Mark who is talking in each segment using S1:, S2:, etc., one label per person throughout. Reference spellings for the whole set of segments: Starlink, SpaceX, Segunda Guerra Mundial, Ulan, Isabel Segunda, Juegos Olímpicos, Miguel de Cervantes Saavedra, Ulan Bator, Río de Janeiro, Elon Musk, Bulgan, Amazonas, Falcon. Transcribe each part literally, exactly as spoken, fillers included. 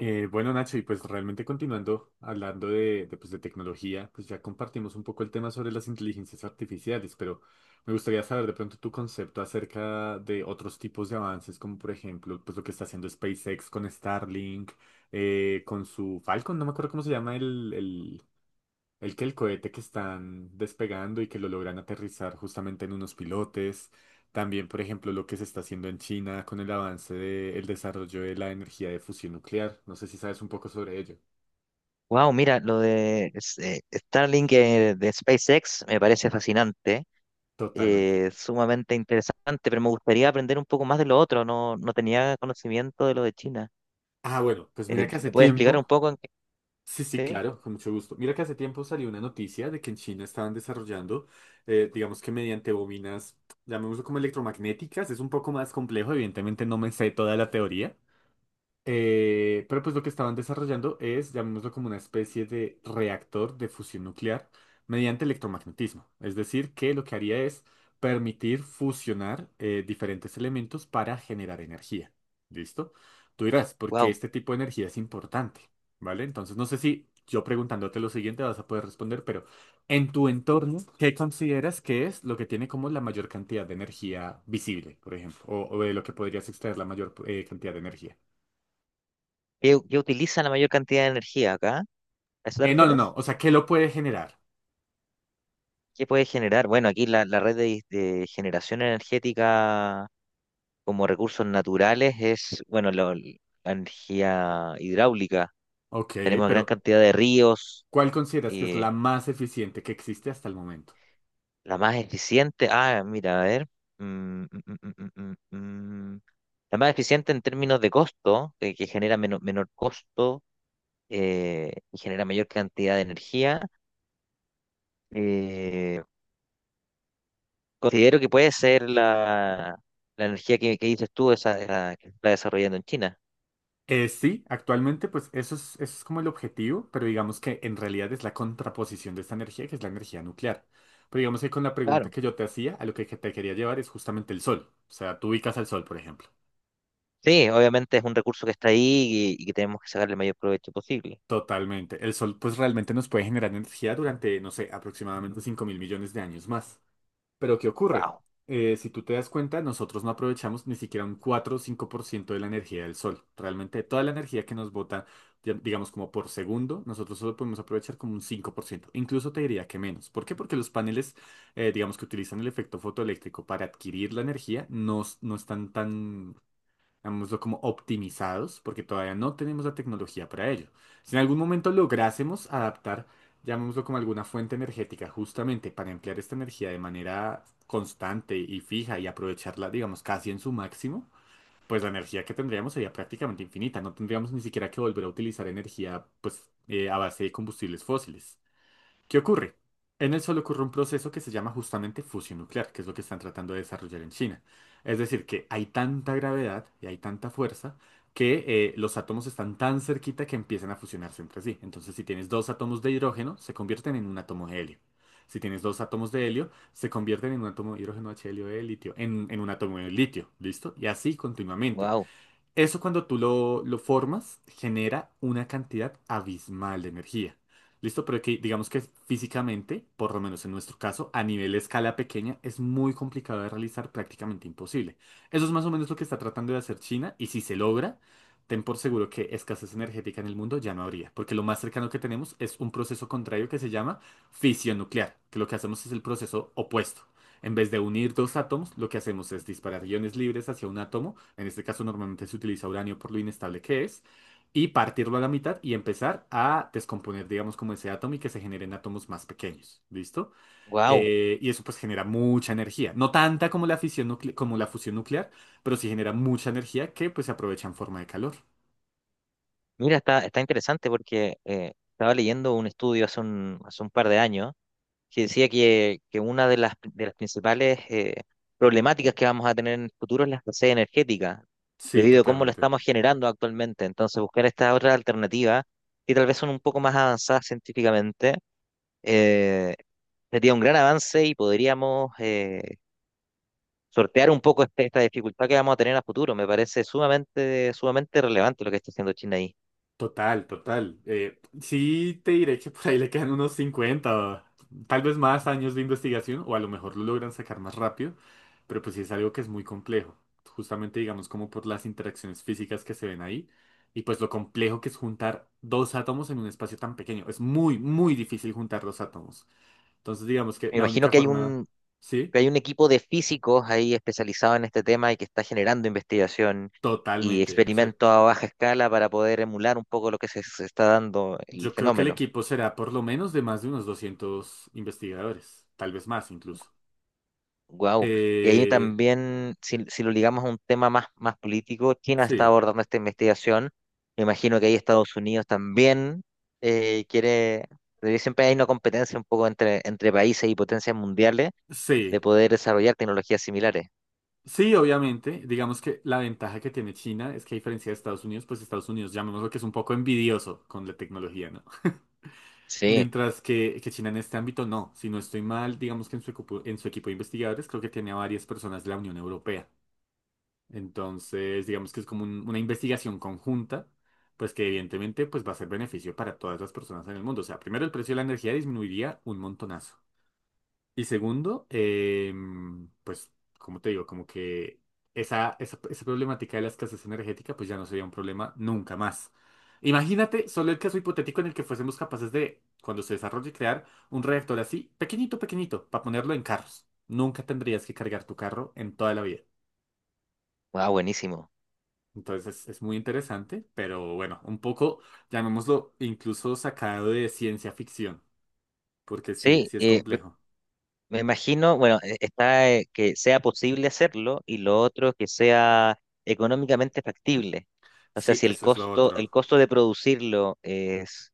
S1: Eh, bueno, Nacho, y pues realmente continuando hablando de, de, pues, de tecnología, pues ya compartimos un poco el tema sobre las inteligencias artificiales, pero me gustaría saber de pronto tu concepto acerca de otros tipos de avances, como por ejemplo, pues lo que está haciendo SpaceX con Starlink, eh, con su Falcon, no me acuerdo cómo se llama el, el que el cohete que están despegando y que lo logran aterrizar justamente en unos pilotes. También, por ejemplo, lo que se está haciendo en China con el avance del desarrollo de la energía de fusión nuclear. No sé si sabes un poco sobre ello.
S2: Wow, mira, lo de S- eh, Starlink eh, de SpaceX me parece fascinante,
S1: Totalmente.
S2: eh, sumamente interesante, pero me gustaría aprender un poco más de lo otro. No, no tenía conocimiento de lo de China.
S1: Ah, bueno, pues mira
S2: Eh,
S1: que
S2: si
S1: hace
S2: me puedes explicar un
S1: tiempo.
S2: poco en qué-
S1: Sí, sí,
S2: ¿sí?
S1: claro, con mucho gusto. Mira que hace tiempo salió una noticia de que en China estaban desarrollando, eh, digamos que mediante bobinas, llamémoslo como electromagnéticas. Es un poco más complejo, evidentemente no me sé toda la teoría. Eh, pero pues lo que estaban desarrollando es, llamémoslo como una especie de reactor de fusión nuclear mediante electromagnetismo. Es decir, que lo que haría es permitir fusionar eh, diferentes elementos para generar energía. ¿Listo? Tú dirás, ¿por qué
S2: Wow.
S1: este tipo de energía es importante? ¿Vale? Entonces, no sé si yo preguntándote lo siguiente vas a poder responder, pero en tu entorno, ¿qué consideras que es lo que tiene como la mayor cantidad de energía visible, por ejemplo? O, o de lo que podrías extraer la mayor eh, cantidad de energía.
S2: ¿Qué, qué utiliza la mayor cantidad de energía acá? ¿A eso te
S1: Eh, no, no,
S2: refieres?
S1: no. O sea, ¿qué lo puede generar?
S2: ¿Qué puede generar? Bueno, aquí la, la red de, de generación energética como recursos naturales es, bueno, lo- la energía hidráulica.
S1: Ok,
S2: Tenemos gran
S1: pero
S2: cantidad de ríos.
S1: ¿cuál consideras que es la
S2: eh,
S1: más eficiente que existe hasta el momento?
S2: La más eficiente. Ah, mira, a ver. Mm, mm, mm, mm, mm, mm, mm. La más eficiente en términos de costo, eh, que genera meno- menor costo eh, y genera mayor cantidad de energía. eh, Considero que puede ser la, la energía que, que dices tú, esa, esa que se está desarrollando en China.
S1: Eh, sí, actualmente, pues eso es, eso es como el objetivo, pero digamos que en realidad es la contraposición de esta energía, que es la energía nuclear. Pero digamos que con la pregunta
S2: Claro.
S1: que yo te hacía, a lo que te quería llevar es justamente el sol. O sea, tú ubicas al sol, por ejemplo.
S2: Sí, obviamente es un recurso que está ahí y, y que tenemos que sacarle el mayor provecho posible.
S1: Totalmente. El sol, pues realmente nos puede generar energía durante, no sé, aproximadamente cinco mil millones de años más. Pero ¿qué ocurre?
S2: Wow,
S1: Eh, si tú te das cuenta, nosotros no aprovechamos ni siquiera un cuatro o cinco por ciento de la energía del sol. Realmente toda la energía que nos bota, di- digamos como por segundo, nosotros solo podemos aprovechar como un cinco por ciento. Incluso te diría que menos. ¿Por qué? Porque los paneles, eh, digamos que utilizan el efecto fotoeléctrico para adquirir la energía, no, s- no están tan, digámoslo como optimizados, porque todavía no tenemos la tecnología para ello. Si en algún momento lográsemos adaptar, llamémoslo como alguna fuente energética, justamente para emplear esta energía de manera constante y fija y aprovecharla, digamos, casi en su máximo, pues la energía que tendríamos sería prácticamente infinita. No tendríamos ni siquiera que volver a utilizar energía, pues, eh, a base de combustibles fósiles. ¿Qué ocurre? En el solo ocurre un proceso que se llama justamente fusión nuclear, que es lo que están tratando de desarrollar en China. Es decir, que hay tanta gravedad y hay tanta fuerza que eh, los átomos están tan cerquita que empiezan a fusionarse entre sí. Entonces, si tienes dos átomos de hidrógeno, se convierten en un átomo de helio. Si tienes dos átomos de helio, se convierten en un átomo de hidrógeno, H, helio de litio, en, en un átomo de litio, ¿listo? Y así continuamente.
S2: wow,
S1: Eso cuando tú lo, lo formas genera una cantidad abismal de energía. ¿Listo? Pero que digamos que físicamente, por lo menos en nuestro caso, a nivel de escala pequeña, es muy complicado de realizar, prácticamente imposible. Eso es más o menos lo que está tratando de hacer China y si se logra, ten por seguro que escasez energética en el mundo ya no habría, porque lo más cercano que tenemos es un proceso contrario que se llama fisión nuclear, que lo que hacemos es el proceso opuesto. En vez de unir dos átomos, lo que hacemos es disparar iones libres hacia un átomo. En este caso normalmente se utiliza uranio por lo inestable que es. Y partirlo a la mitad y empezar a descomponer, digamos, como ese átomo y que se generen átomos más pequeños. ¿Listo?
S2: wow.
S1: Eh, y eso pues genera mucha energía. No tanta como la fisión nucle- como la fusión nuclear, pero sí genera mucha energía que pues se aprovecha en forma de calor.
S2: Mira, está, está interesante porque eh, estaba leyendo un estudio hace un, hace un par de años que decía que, que una de las, de las principales eh, problemáticas que vamos a tener en el futuro es la escasez energética,
S1: Sí,
S2: debido a cómo la
S1: totalmente.
S2: estamos generando actualmente. Entonces, buscar estas otras alternativas, que tal vez son un poco más avanzadas científicamente, eh, sería un gran avance y podríamos eh, sortear un poco este- esta dificultad que vamos a tener a futuro. Me parece sumamente, sumamente relevante lo que está haciendo China ahí.
S1: Total, total. Eh, sí te diré que por ahí le quedan unos cincuenta, tal vez más años de investigación, o a lo mejor lo logran sacar más rápido, pero pues sí es algo que es muy complejo, justamente digamos como por las interacciones físicas que se ven ahí, y pues lo complejo que es juntar dos átomos en un espacio tan pequeño. Es muy, muy difícil juntar dos átomos. Entonces digamos que
S2: Me
S1: la
S2: imagino
S1: única
S2: que hay
S1: forma,
S2: un,
S1: sí,
S2: que hay un equipo de físicos ahí especializado en este tema y que está generando investigación y
S1: totalmente. O sea,
S2: experimentos a baja escala para poder emular un poco lo que se, se está dando el
S1: yo creo que el
S2: fenómeno.
S1: equipo será por lo menos de más de unos doscientos investigadores, tal vez más incluso.
S2: Wow. Y ahí
S1: Eh,
S2: también, si, si lo ligamos a un tema más, más político, China está
S1: sí,
S2: abordando esta investigación. Me imagino que ahí Estados Unidos también eh, quiere, porque siempre hay una competencia un poco entre, entre países y potencias mundiales de
S1: sí,
S2: poder desarrollar tecnologías similares.
S1: sí, obviamente. Digamos que la ventaja que tiene China es que a diferencia de Estados Unidos, pues Estados Unidos, llamémoslo que es un poco envidioso con la tecnología, ¿no?
S2: Sí,
S1: Mientras que, que China en este ámbito no. Si no estoy mal, digamos que en su, equipo- en su equipo de investigadores creo que tiene a varias personas de la Unión Europea. Entonces, digamos que es como un- una investigación conjunta, pues que evidentemente pues va a ser beneficio para todas las personas en el mundo. O sea, primero el precio de la energía disminuiría un montonazo. Y segundo, em, pues, como te digo, como que esa, esa, esa problemática de la escasez energética, pues ya no sería un problema nunca más. Imagínate solo el caso hipotético en el que fuésemos capaces de, cuando se desarrolle, crear un reactor así, pequeñito, pequeñito, para ponerlo en carros. Nunca tendrías que cargar tu carro en toda la vida.
S2: wow, buenísimo.
S1: Entonces es, es muy interesante, pero bueno, un poco, llamémoslo, incluso sacado de ciencia ficción, porque sí,
S2: Sí,
S1: sí es
S2: eh,
S1: complejo.
S2: Me imagino, bueno, e- está eh, que sea posible hacerlo y lo otro que sea económicamente factible. O sea,
S1: Sí,
S2: si el
S1: eso es lo
S2: costo,
S1: otro.
S2: el costo de producirlo es,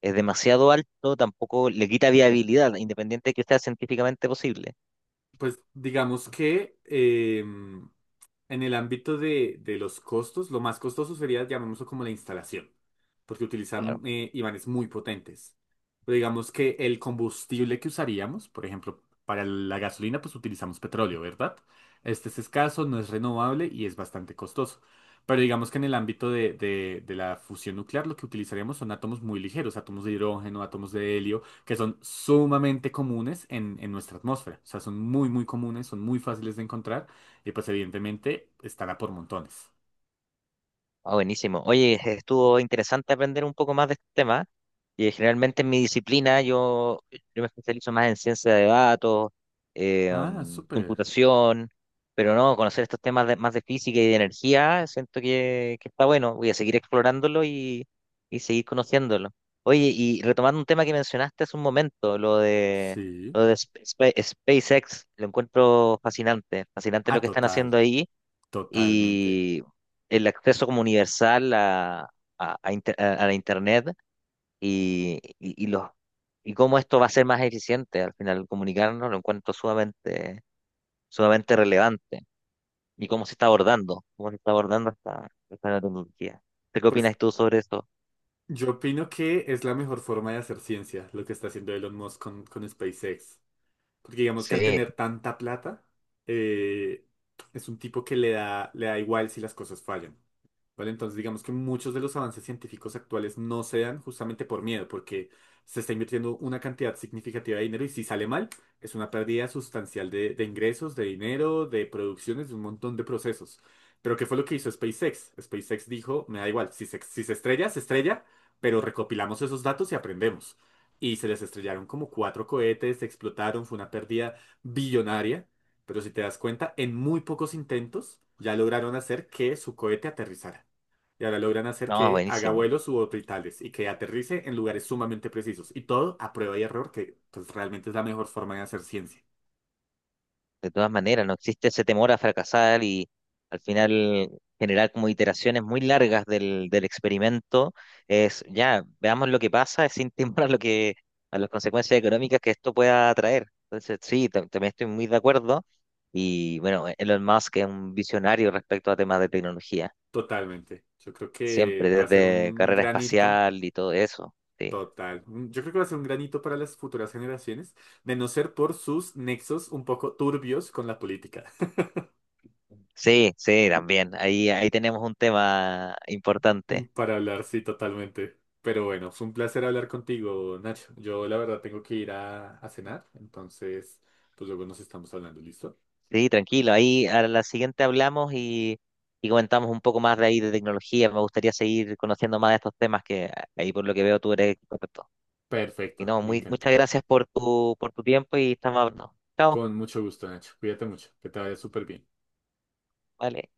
S2: es demasiado alto, tampoco le quita viabilidad, independiente de que sea científicamente posible.
S1: Pues digamos que em, en el ámbito de, de los costos, lo más costoso sería, llamémoslo como la instalación, porque utilizan eh, imanes muy potentes. Pero digamos que el combustible que usaríamos, por ejemplo, para la gasolina, pues utilizamos petróleo, ¿verdad? Este es escaso, no es renovable y es bastante costoso. Pero digamos que en el ámbito de, de de la fusión nuclear, lo que utilizaríamos son átomos muy ligeros, átomos de hidrógeno, átomos de helio, que son sumamente comunes en, en nuestra atmósfera. O sea, son muy, muy comunes, son muy fáciles de encontrar y pues evidentemente estará por montones.
S2: Ah, buenísimo. Oye, estuvo interesante aprender un poco más de este tema. Y generalmente en mi disciplina yo, yo me especializo más en ciencia de datos, eh,
S1: Ah,
S2: mm,
S1: súper.
S2: computación, pero no, conocer estos temas de- más de física y de energía, siento que, que está bueno. Voy a seguir explorándolo y, y seguir conociéndolo. Oye, y retomando un tema que mencionaste hace un momento, lo de,
S1: Sí.
S2: lo de Sp- Sp- SpaceX, lo encuentro fascinante, fascinante
S1: Ah,
S2: lo que están
S1: total,
S2: haciendo ahí
S1: totalmente.
S2: y el acceso como universal a, a, a inter- a- a la Internet y, y, y los, y cómo esto va a ser más eficiente al final comunicarnos, lo encuentro sumamente, sumamente relevante y cómo se está abordando, cómo se está abordando esta, esta nueva tecnología. ¿Tú ¿Qué
S1: Pues
S2: opinas tú sobre esto?
S1: yo opino que es la mejor forma de hacer ciencia, lo que está haciendo Elon Musk con, con SpaceX. Porque digamos que al
S2: Sí,
S1: tener tanta plata, eh, es un tipo que le da, le da igual si las cosas fallan. ¿Vale? Entonces, digamos que muchos de los avances científicos actuales no se dan justamente por miedo, porque se está invirtiendo una cantidad significativa de dinero y si sale mal, es una pérdida sustancial de, de ingresos, de dinero, de producciones, de un montón de procesos. Pero ¿qué fue lo que hizo SpaceX? SpaceX dijo, me da igual, si se, si se estrella, se estrella, pero recopilamos esos datos y aprendemos. Y se les estrellaron como cuatro cohetes, se explotaron, fue una pérdida billonaria. Pero si te das cuenta, en muy pocos intentos ya lograron hacer que su cohete aterrizara. Y ahora logran hacer
S2: no,
S1: que haga
S2: buenísimo.
S1: vuelos suborbitales y que aterrice en lugares sumamente precisos. Y todo a prueba y error, que pues realmente es la mejor forma de hacer ciencia.
S2: De todas maneras, no existe ese temor a fracasar y al final generar como iteraciones muy largas del, del experimento. Es ya, veamos lo que pasa, es sin temor a lo que, a las consecuencias económicas que esto pueda traer. Entonces, sí, ta- también estoy muy de acuerdo. Y bueno, e, Elon Musk es un visionario respecto a temas de tecnología,
S1: Totalmente. Yo creo que
S2: siempre
S1: va a ser
S2: desde
S1: un
S2: carrera
S1: granito
S2: espacial y todo eso. Sí,
S1: total. Un- Yo creo que va a ser un granito para las futuras generaciones, de no ser por sus nexos un poco turbios con la política.
S2: sí, sí, también. Ahí, ahí tenemos un tema
S1: Un
S2: importante.
S1: para hablar, sí, totalmente. Pero bueno, fue un placer hablar contigo, Nacho. Yo la verdad tengo que ir a, a cenar, entonces pues luego nos estamos hablando, ¿listo?
S2: Sí, tranquilo. Ahí a la siguiente hablamos y, y comentamos un poco más de ahí de tecnología. Me gustaría seguir conociendo más de estos temas que ahí por lo que veo tú eres experto. Y
S1: Perfecto,
S2: no,
S1: me
S2: muy,
S1: encanta.
S2: muchas gracias por tu, por tu tiempo y estamos hablando. Chao.
S1: Con mucho gusto, Nacho. Cuídate mucho, que te vaya súper bien.
S2: Vale.